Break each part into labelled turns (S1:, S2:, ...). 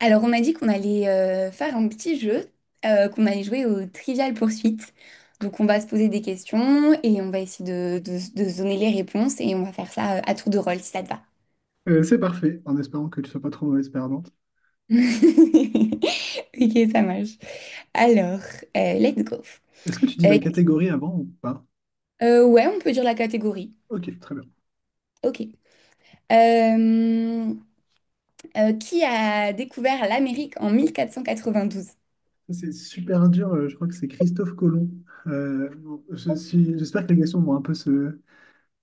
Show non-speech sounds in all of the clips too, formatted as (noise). S1: Alors, on m'a dit qu'on allait faire un petit jeu, qu'on allait jouer au Trivial poursuite. Donc, on va se poser des questions et on va essayer de se donner les réponses et on va faire ça à tour de rôle si ça te va.
S2: C'est parfait, en espérant que tu sois pas trop mauvaise perdante.
S1: (laughs) Ok, ça marche. Alors, let's go.
S2: Est-ce que tu dis
S1: Euh,
S2: la catégorie avant ou pas?
S1: ouais, on peut dire la catégorie.
S2: Ok, très bien.
S1: Ok. Euh, qui a découvert l'Amérique en 1492?
S2: C'est super dur, je crois que c'est Christophe Colomb. Bon, J'espère que les questions vont un peu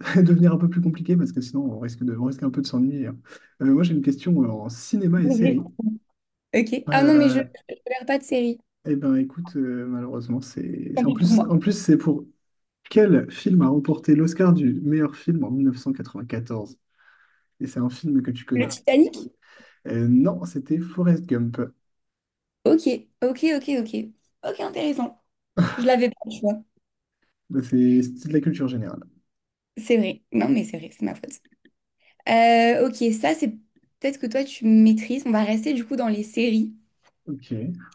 S2: (laughs) devenir un peu plus compliquées parce que sinon on risque un peu de s'ennuyer, hein. Moi j'ai une question en cinéma et série.
S1: Ok. Ah non, mais je ne
S2: Euh,
S1: regarde pas de série.
S2: eh ben écoute, malheureusement,
S1: Tant
S2: en
S1: pis pour
S2: plus,
S1: moi.
S2: en plus c'est pour quel film a remporté l'Oscar du meilleur film en 1994? Et c'est un film que tu
S1: Le
S2: connais.
S1: Titanic?
S2: Non, c'était Forrest Gump.
S1: Ok, ok, ok, ok. Ok, intéressant. Je l'avais pas, tu vois.
S2: Bah, c'est de la culture générale.
S1: C'est vrai. Non, mais c'est vrai, c'est ma faute. Ok, ça, c'est peut-être que toi, tu maîtrises. On va rester du coup dans les séries.
S2: Ok. (laughs)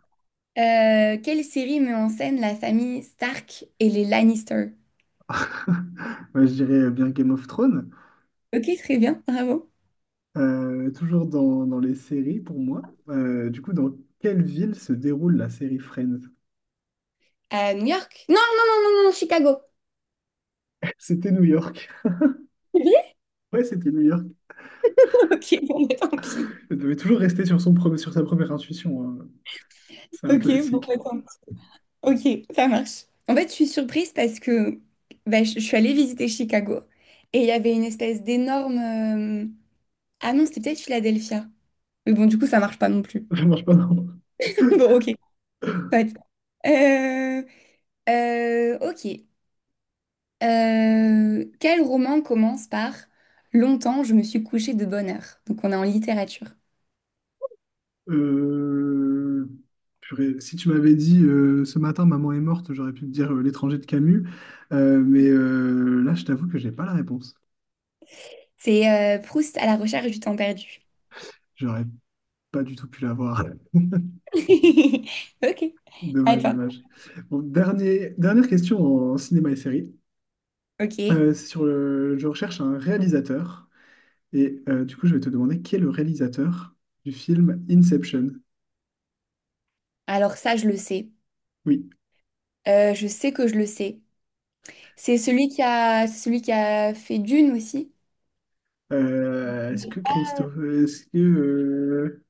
S1: Quelle série met en scène la famille Stark et les Lannister?
S2: Moi, je dirais bien Game of Thrones.
S1: Ok, très bien, bravo.
S2: Toujours dans les séries pour moi. Du coup, dans quelle ville se déroule la série Friends?
S1: New York? Non, non, non, non, non, Chicago.
S2: (laughs) C'était New York.
S1: C'est vrai.
S2: Ouais, c'était New York.
S1: (laughs) Ok, bon, bah, tant pis.
S2: Elle devait toujours rester sur sa première intuition, hein. C'est un
S1: Ok, bon,
S2: classique.
S1: bah, tant pis. Ok, ça marche. En fait, je suis surprise parce que bah, je suis allée visiter Chicago et il y avait une espèce d'énorme. Ah non, c'était peut-être Philadelphia. Mais bon, du coup, ça marche pas non plus.
S2: (laughs) Ça marche pas, non.
S1: (laughs)
S2: (laughs)
S1: Bon, ok. Soit. Euh, ok. Quel roman commence par Longtemps, je me suis couchée de bonne heure. Donc, on est en littérature.
S2: Euh, Purée, si tu m'avais dit ce matin maman est morte, j'aurais pu te dire l'étranger de Camus. Mais là, je t'avoue que j'ai pas la réponse.
S1: C'est Proust à la recherche du temps perdu.
S2: J'aurais pas du tout pu l'avoir.
S1: (laughs) Ok.
S2: (laughs) Dommage,
S1: Attends.
S2: dommage. Bon, dernier, dernière question en cinéma et série.
S1: Ok.
S2: Je recherche un réalisateur. Et du coup, je vais te demander qui est le réalisateur du film Inception.
S1: Alors ça, je le sais.
S2: Oui.
S1: Je sais que je le sais. C'est celui qui a fait Dune aussi.
S2: Est-ce que Christophe. Est-ce que.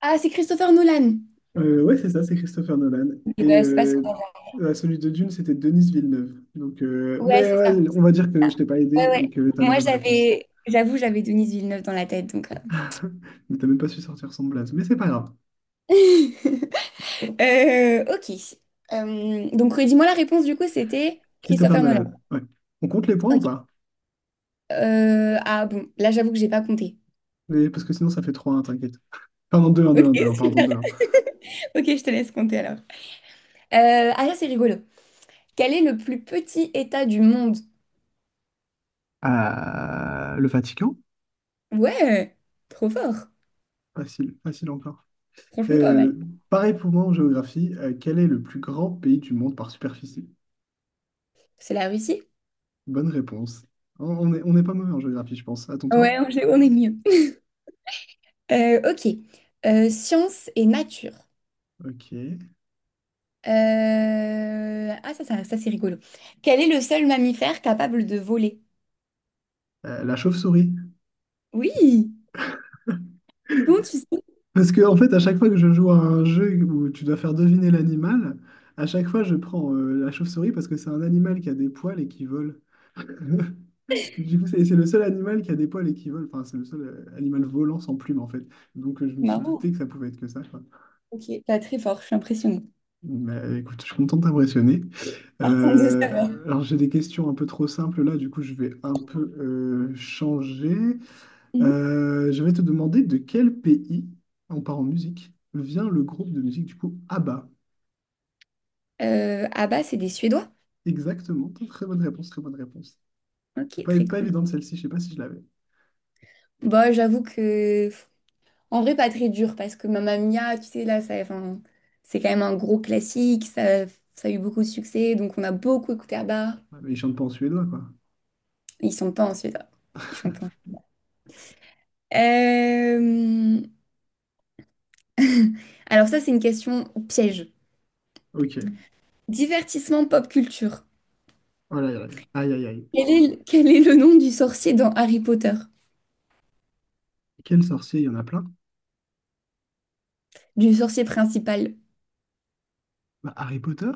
S1: Ah, c'est Christopher Nolan.
S2: Ouais, c'est ça, c'est Christopher Nolan.
S1: Eh
S2: Et
S1: ben, c'est pas ce qu'on a.
S2: celui de Dune, c'était Denis Villeneuve. Donc,
S1: Ouais,
S2: mais
S1: c'est ça.
S2: ouais, on va dire que je t'ai pas aidé
S1: Ouais, ouais.
S2: et que tu as la
S1: Moi,
S2: bonne réponse.
S1: j'avais, j'avoue, j'avais Denise Villeneuve dans la tête, donc.
S2: (laughs) Mais t'as même pas su sortir son blaze. Mais c'est pas grave.
S1: (laughs) Ok. Donc, redis-moi la réponse, du coup, c'était
S2: Christopher
S1: Christopher Nolan.
S2: Nolan, ouais. On compte les points ou
S1: Ok.
S2: pas?
S1: Ah bon, là, j'avoue que j'ai pas compté.
S2: Parce que sinon ça fait trois. 1 t'inquiète. Pardon, deux un deux
S1: Ok,
S2: un deux un. Pardon,
S1: super.
S2: deux un.
S1: (laughs) Ok, je te laisse compter alors. Ah, ça, c'est rigolo. Quel est le plus petit État du monde?
S2: Le Vatican?
S1: Ouais, trop fort.
S2: Facile, facile encore.
S1: Franchement, pas mal.
S2: Euh, Pareil pour moi en géographie, quel est le plus grand pays du monde par superficie?
S1: C'est la Russie?
S2: Bonne réponse. On est pas mauvais en géographie, je pense. À ton tour?
S1: Ouais, on est mieux. Ok. Science et nature.
S2: Ok.
S1: Ah, ça, c'est rigolo. Quel est le seul mammifère capable de voler?
S2: La chauve-souris.
S1: Oui! Comment tu sais? C'est
S2: Parce que en fait, à chaque fois que je joue à un jeu où tu dois faire deviner l'animal, à chaque fois je prends la chauve-souris parce que c'est un animal qui a des poils et qui vole. (laughs) Du coup, c'est le seul animal qui a des poils et qui vole. Enfin, c'est le seul animal volant sans plumes, en fait. Donc, je me suis douté
S1: marrant.
S2: que ça pouvait être que ça, quoi.
S1: Ok, pas très fort, je suis impressionnée.
S2: Mais écoute, je suis content de t'impressionner.
S1: (laughs) Content de savoir.
S2: Alors, j'ai des questions un peu trop simples là. Du coup, je vais un peu changer.
S1: Mhm.
S2: Je vais te demander de quel pays, on part en musique, vient le groupe de musique, du coup, ABBA.
S1: Ah bah, c'est des Suédois.
S2: Exactement. Très bonne réponse, très bonne réponse.
S1: Ok,
S2: Pas,
S1: très
S2: pas
S1: cool.
S2: évidente celle-ci, je sais pas si je l'avais.
S1: Bon, j'avoue que. En vrai, pas très dur, parce que Mamma Mia, tu sais, là, ça, enfin, c'est quand même un gros classique, ça a eu beaucoup de succès, donc on a beaucoup écouté à bas.
S2: Ouais, mais ils chantent pas en suédois, quoi.
S1: Ils sont pas en Suédois. Ils chantent pas. Euh, (laughs) Alors ça, c'est une question piège.
S2: Ok.
S1: Divertissement pop culture.
S2: Oh là là. Aïe, aïe, aïe.
S1: Quel est le nom du sorcier dans Harry Potter?
S2: Quel sorcier? Il y en a plein.
S1: Du sorcier principal,
S2: Bah, Harry Potter?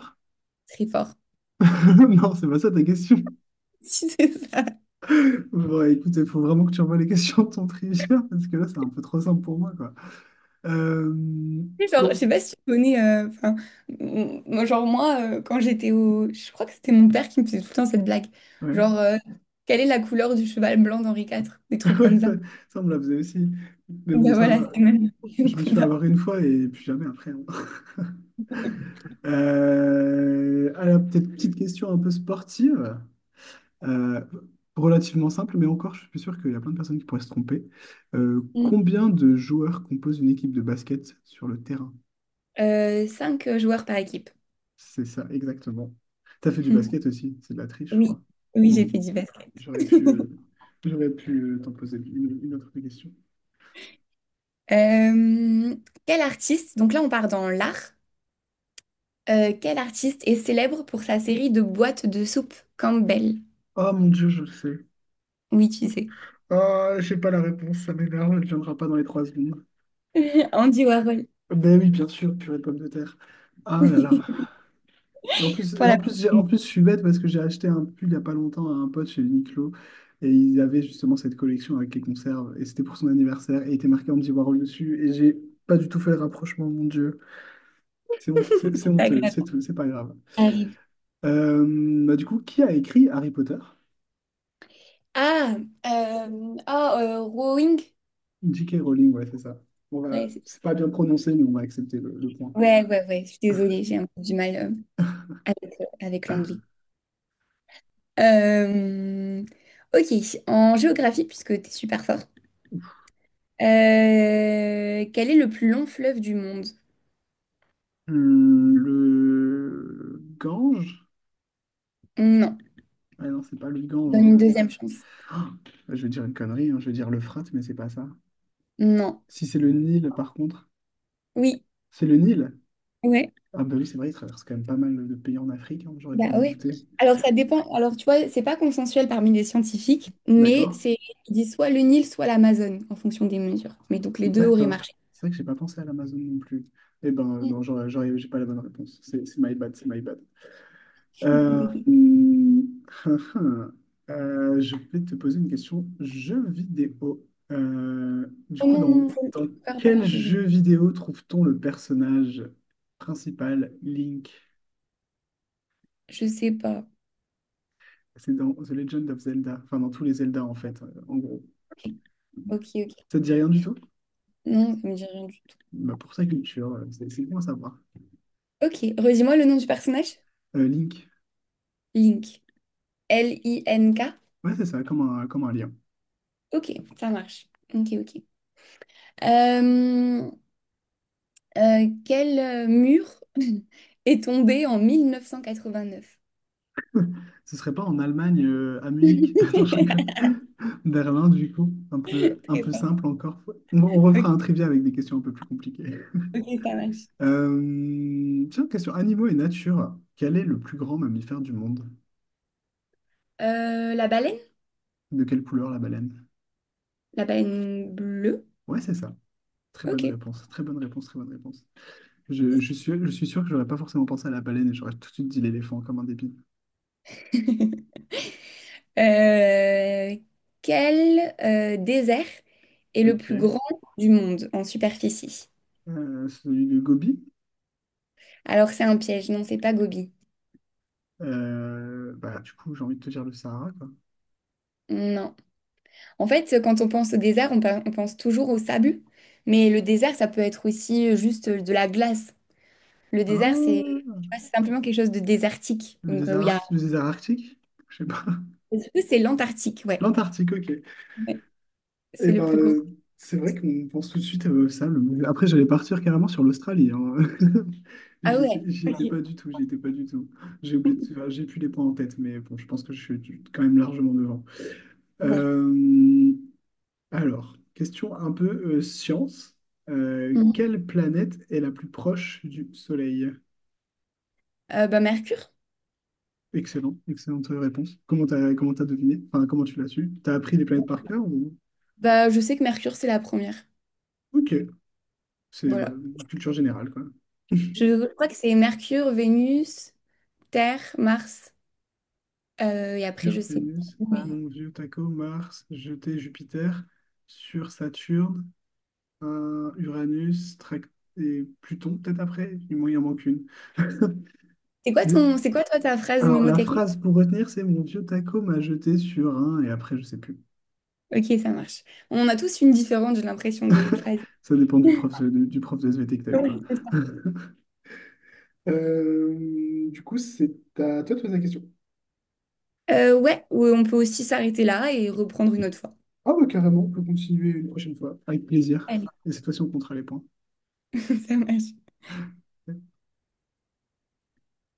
S1: très fort. (laughs)
S2: (laughs) Non, c'est pas ça ta question.
S1: Si c'est ça.
S2: Bon, écoute, il faut vraiment que tu envoies les questions de ton trivia, parce que là, c'est un peu trop simple pour moi, quoi. Euh,
S1: Genre, je
S2: com-
S1: sais pas si tu connais. Enfin, moi, genre moi, je crois que c'était mon père qui me faisait tout le temps cette blague.
S2: Ouais,
S1: Genre, quelle est la couleur du cheval blanc d'Henri IV? Des
S2: (laughs)
S1: trucs
S2: ouais,
S1: comme ça.
S2: ça, on me la faisait aussi. Mais bon,
S1: Ben
S2: ça
S1: voilà,
S2: va.
S1: c'est même (laughs) le
S2: Je me suis fait
S1: combat.
S2: avoir une fois et plus jamais après, hein. (laughs) Alors, peut-être petite question un peu sportive. Euh, Relativement simple, mais encore, je suis sûr qu'il y a plein de personnes qui pourraient se tromper.
S1: Mm.
S2: Combien de joueurs composent une équipe de basket sur le terrain?
S1: Cinq joueurs par équipe.
S2: C'est ça, exactement. T'as fait du
S1: Mm.
S2: basket aussi, c'est de la triche, je
S1: Oui,
S2: crois.
S1: oui, j'ai
S2: Bon,
S1: fait du basket.
S2: j'aurais pu, euh,
S1: (laughs)
S2: j'aurais pu t'en poser une autre question.
S1: Euh, quel artiste, donc là on part dans l'art, quel artiste est célèbre pour sa série de boîtes de soupe Campbell?
S2: Oh mon Dieu, je le sais.
S1: Oui, tu sais.
S2: Ah, j'ai pas la réponse, ça m'énerve, elle ne viendra pas dans les 3 secondes.
S1: (laughs) Andy Warhol.
S2: Ben oui, bien sûr, purée de pommes de terre. Ah là là.
S1: (laughs)
S2: Et En plus,
S1: Pour
S2: et en
S1: la
S2: plus,
S1: prochaine,
S2: je suis bête parce que j'ai acheté un pull il n'y a pas longtemps à un pote chez Uniqlo et il avait justement cette collection avec les conserves et c'était pour son anniversaire et il était marqué Andy Warhol dessus et j'ai pas du tout fait le rapprochement, mon Dieu. C'est
S1: c'est pas
S2: honteux,
S1: grave.
S2: c'est tout, c'est pas grave.
S1: Arrive.
S2: Euh, Bah, du coup, qui a écrit Harry Potter?
S1: Ah, ah, Rowing.
S2: J.K. Rowling, ouais, c'est ça. On va,
S1: Ouais,
S2: c'est pas bien prononcé, mais on va accepter le point.
S1: ouais, ouais, ouais, je suis désolée, j'ai un peu du mal avec l'anglais. Euh, ok, en géographie, puisque t'es super fort. Quel est le plus long fleuve du monde?
S2: Le Gange?
S1: Non.
S2: Ah non, c'est pas le Gange,
S1: Donne
S2: hein.
S1: une deuxième chance.
S2: Ah, je vais dire une connerie, hein, je vais dire le frat, mais c'est pas ça.
S1: Non.
S2: Si c'est le Nil, par contre,
S1: Oui.
S2: c'est le Nil.
S1: Ouais.
S2: Ah bah oui, c'est vrai, il traverse quand même pas mal de pays en Afrique, hein, j'aurais dû
S1: Bah
S2: m'en
S1: ouais.
S2: douter.
S1: Alors ça dépend. Alors tu vois, c'est pas consensuel parmi les scientifiques, mais
S2: D'accord,
S1: c'est ils disent soit le Nil, soit l'Amazone en fonction des mesures. Mais donc les deux auraient
S2: d'accord.
S1: marché.
S2: C'est vrai que j'ai pas pensé à l'Amazon non plus. Eh ben
S1: Mm.
S2: non, j'ai pas la bonne réponse. C'est my bad, c'est my bad. Euh,
S1: (laughs)
S2: hmm, (laughs) je vais te poser une question jeu vidéo. Euh, du
S1: Oh
S2: coup, dans,
S1: non, je
S2: dans
S1: préfère pas
S2: quel
S1: les jeux vidéo.
S2: jeu vidéo trouve-t-on le personnage principal, Link?
S1: Je sais pas.
S2: C'est dans The Legend of Zelda, enfin dans tous les Zelda en fait, en gros.
S1: Ok, ok.
S2: Ça te dit rien du tout?
S1: Non, ça me dit rien du tout.
S2: Bah pour sa culture, c'est bon à savoir.
S1: Ok, redis-moi le nom du personnage.
S2: Link.
S1: Link. L-I-N-K.
S2: Ouais, c'est ça, comme un lien.
S1: Ok, ça marche. Ok, ok. Euh, quel mur (laughs) est tombé en 1989.
S2: Ce serait pas en Allemagne, à
S1: (laughs)
S2: Munich? (laughs) Non, je rigole.
S1: Très
S2: Berlin, du coup. Un peu
S1: fort.
S2: simple encore. On refera
S1: Ok.
S2: un trivia avec des questions un peu plus compliquées.
S1: Ok, ça marche.
S2: Tiens, question animaux et nature. Quel est le plus grand mammifère du monde?
S1: La baleine?
S2: De quelle couleur la baleine?
S1: La baleine bleue?
S2: Ouais, c'est ça. Très bonne
S1: Ok.
S2: réponse. Très bonne réponse, très bonne réponse. Je suis sûr que j'aurais pas forcément pensé à la baleine et j'aurais tout de suite dit l'éléphant comme un débile.
S1: (laughs) Euh, quel désert est le
S2: Ok.
S1: plus grand du monde en superficie?
S2: Celui de Gobi.
S1: Alors c'est un piège, non, c'est pas Gobi.
S2: Bah, du coup, j'ai envie de te dire le Sahara, quoi.
S1: Non. En fait, quand on pense au désert, on pense toujours au sable, mais le désert, ça peut être aussi juste de la glace. Le désert, c'est
S2: Ah,
S1: tu vois, c'est simplement quelque chose de désertique. Donc, euh, où il y a...
S2: le désert arctique? Je sais pas.
S1: C'est l'Antarctique,
S2: (laughs)
S1: ouais.
S2: L'Antarctique, ok.
S1: Ouais. C'est
S2: Et
S1: le
S2: ben,
S1: plus grand.
S2: c'est vrai qu'on pense tout de suite à ça. Après, j'allais partir carrément sur l'Australie, hein. (laughs)
S1: Ah ouais.
S2: J'y étais pas du tout, j'y étais pas du tout. J'ai oublié, enfin, j'ai plus les points en tête, mais bon, je pense que je suis quand même largement devant. Euh, alors, question un peu science.
S1: Bon.
S2: Quelle planète est la plus proche du Soleil?
S1: Bah, Mercure.
S2: Excellent, excellente réponse. Comment t'as deviné? Enfin, comment tu l'as su? T'as appris les planètes par cœur ou...
S1: Bah, je sais que Mercure, c'est la première.
S2: Ok, c'est bah,
S1: Voilà.
S2: culture générale, quoi. (laughs)
S1: Je crois que c'est Mercure, Vénus, Terre, Mars. Et après,
S2: Mercure,
S1: je sais pas.
S2: Vénus,
S1: Mais voilà.
S2: mon vieux taco, Mars, jeté Jupiter, sur Saturne, un Uranus, et Pluton, peut-être après, il en manque une. (laughs)
S1: c'est quoi
S2: Mais-
S1: ton, c'est quoi toi ta phrase
S2: Alors, la
S1: mémotechnique?
S2: phrase pour retenir, c'est mon vieux taco m'a jeté sur un, et après, je sais plus.
S1: Ok, ça marche. On a tous une différente, j'ai l'impression, de phrase.
S2: Ça dépend du prof,
S1: (laughs)
S2: du prof de SVT que t'as eu, quoi.
S1: Oui, c'est ça.
S2: (laughs) Du coup, c'est à toi de poser la question.
S1: Ouais, ou on peut aussi s'arrêter là et reprendre une autre fois.
S2: Ah, bah, carrément, on peut continuer une prochaine fois, avec plaisir.
S1: Allez,
S2: Et cette fois-ci, on comptera les points.
S1: (laughs) ça marche.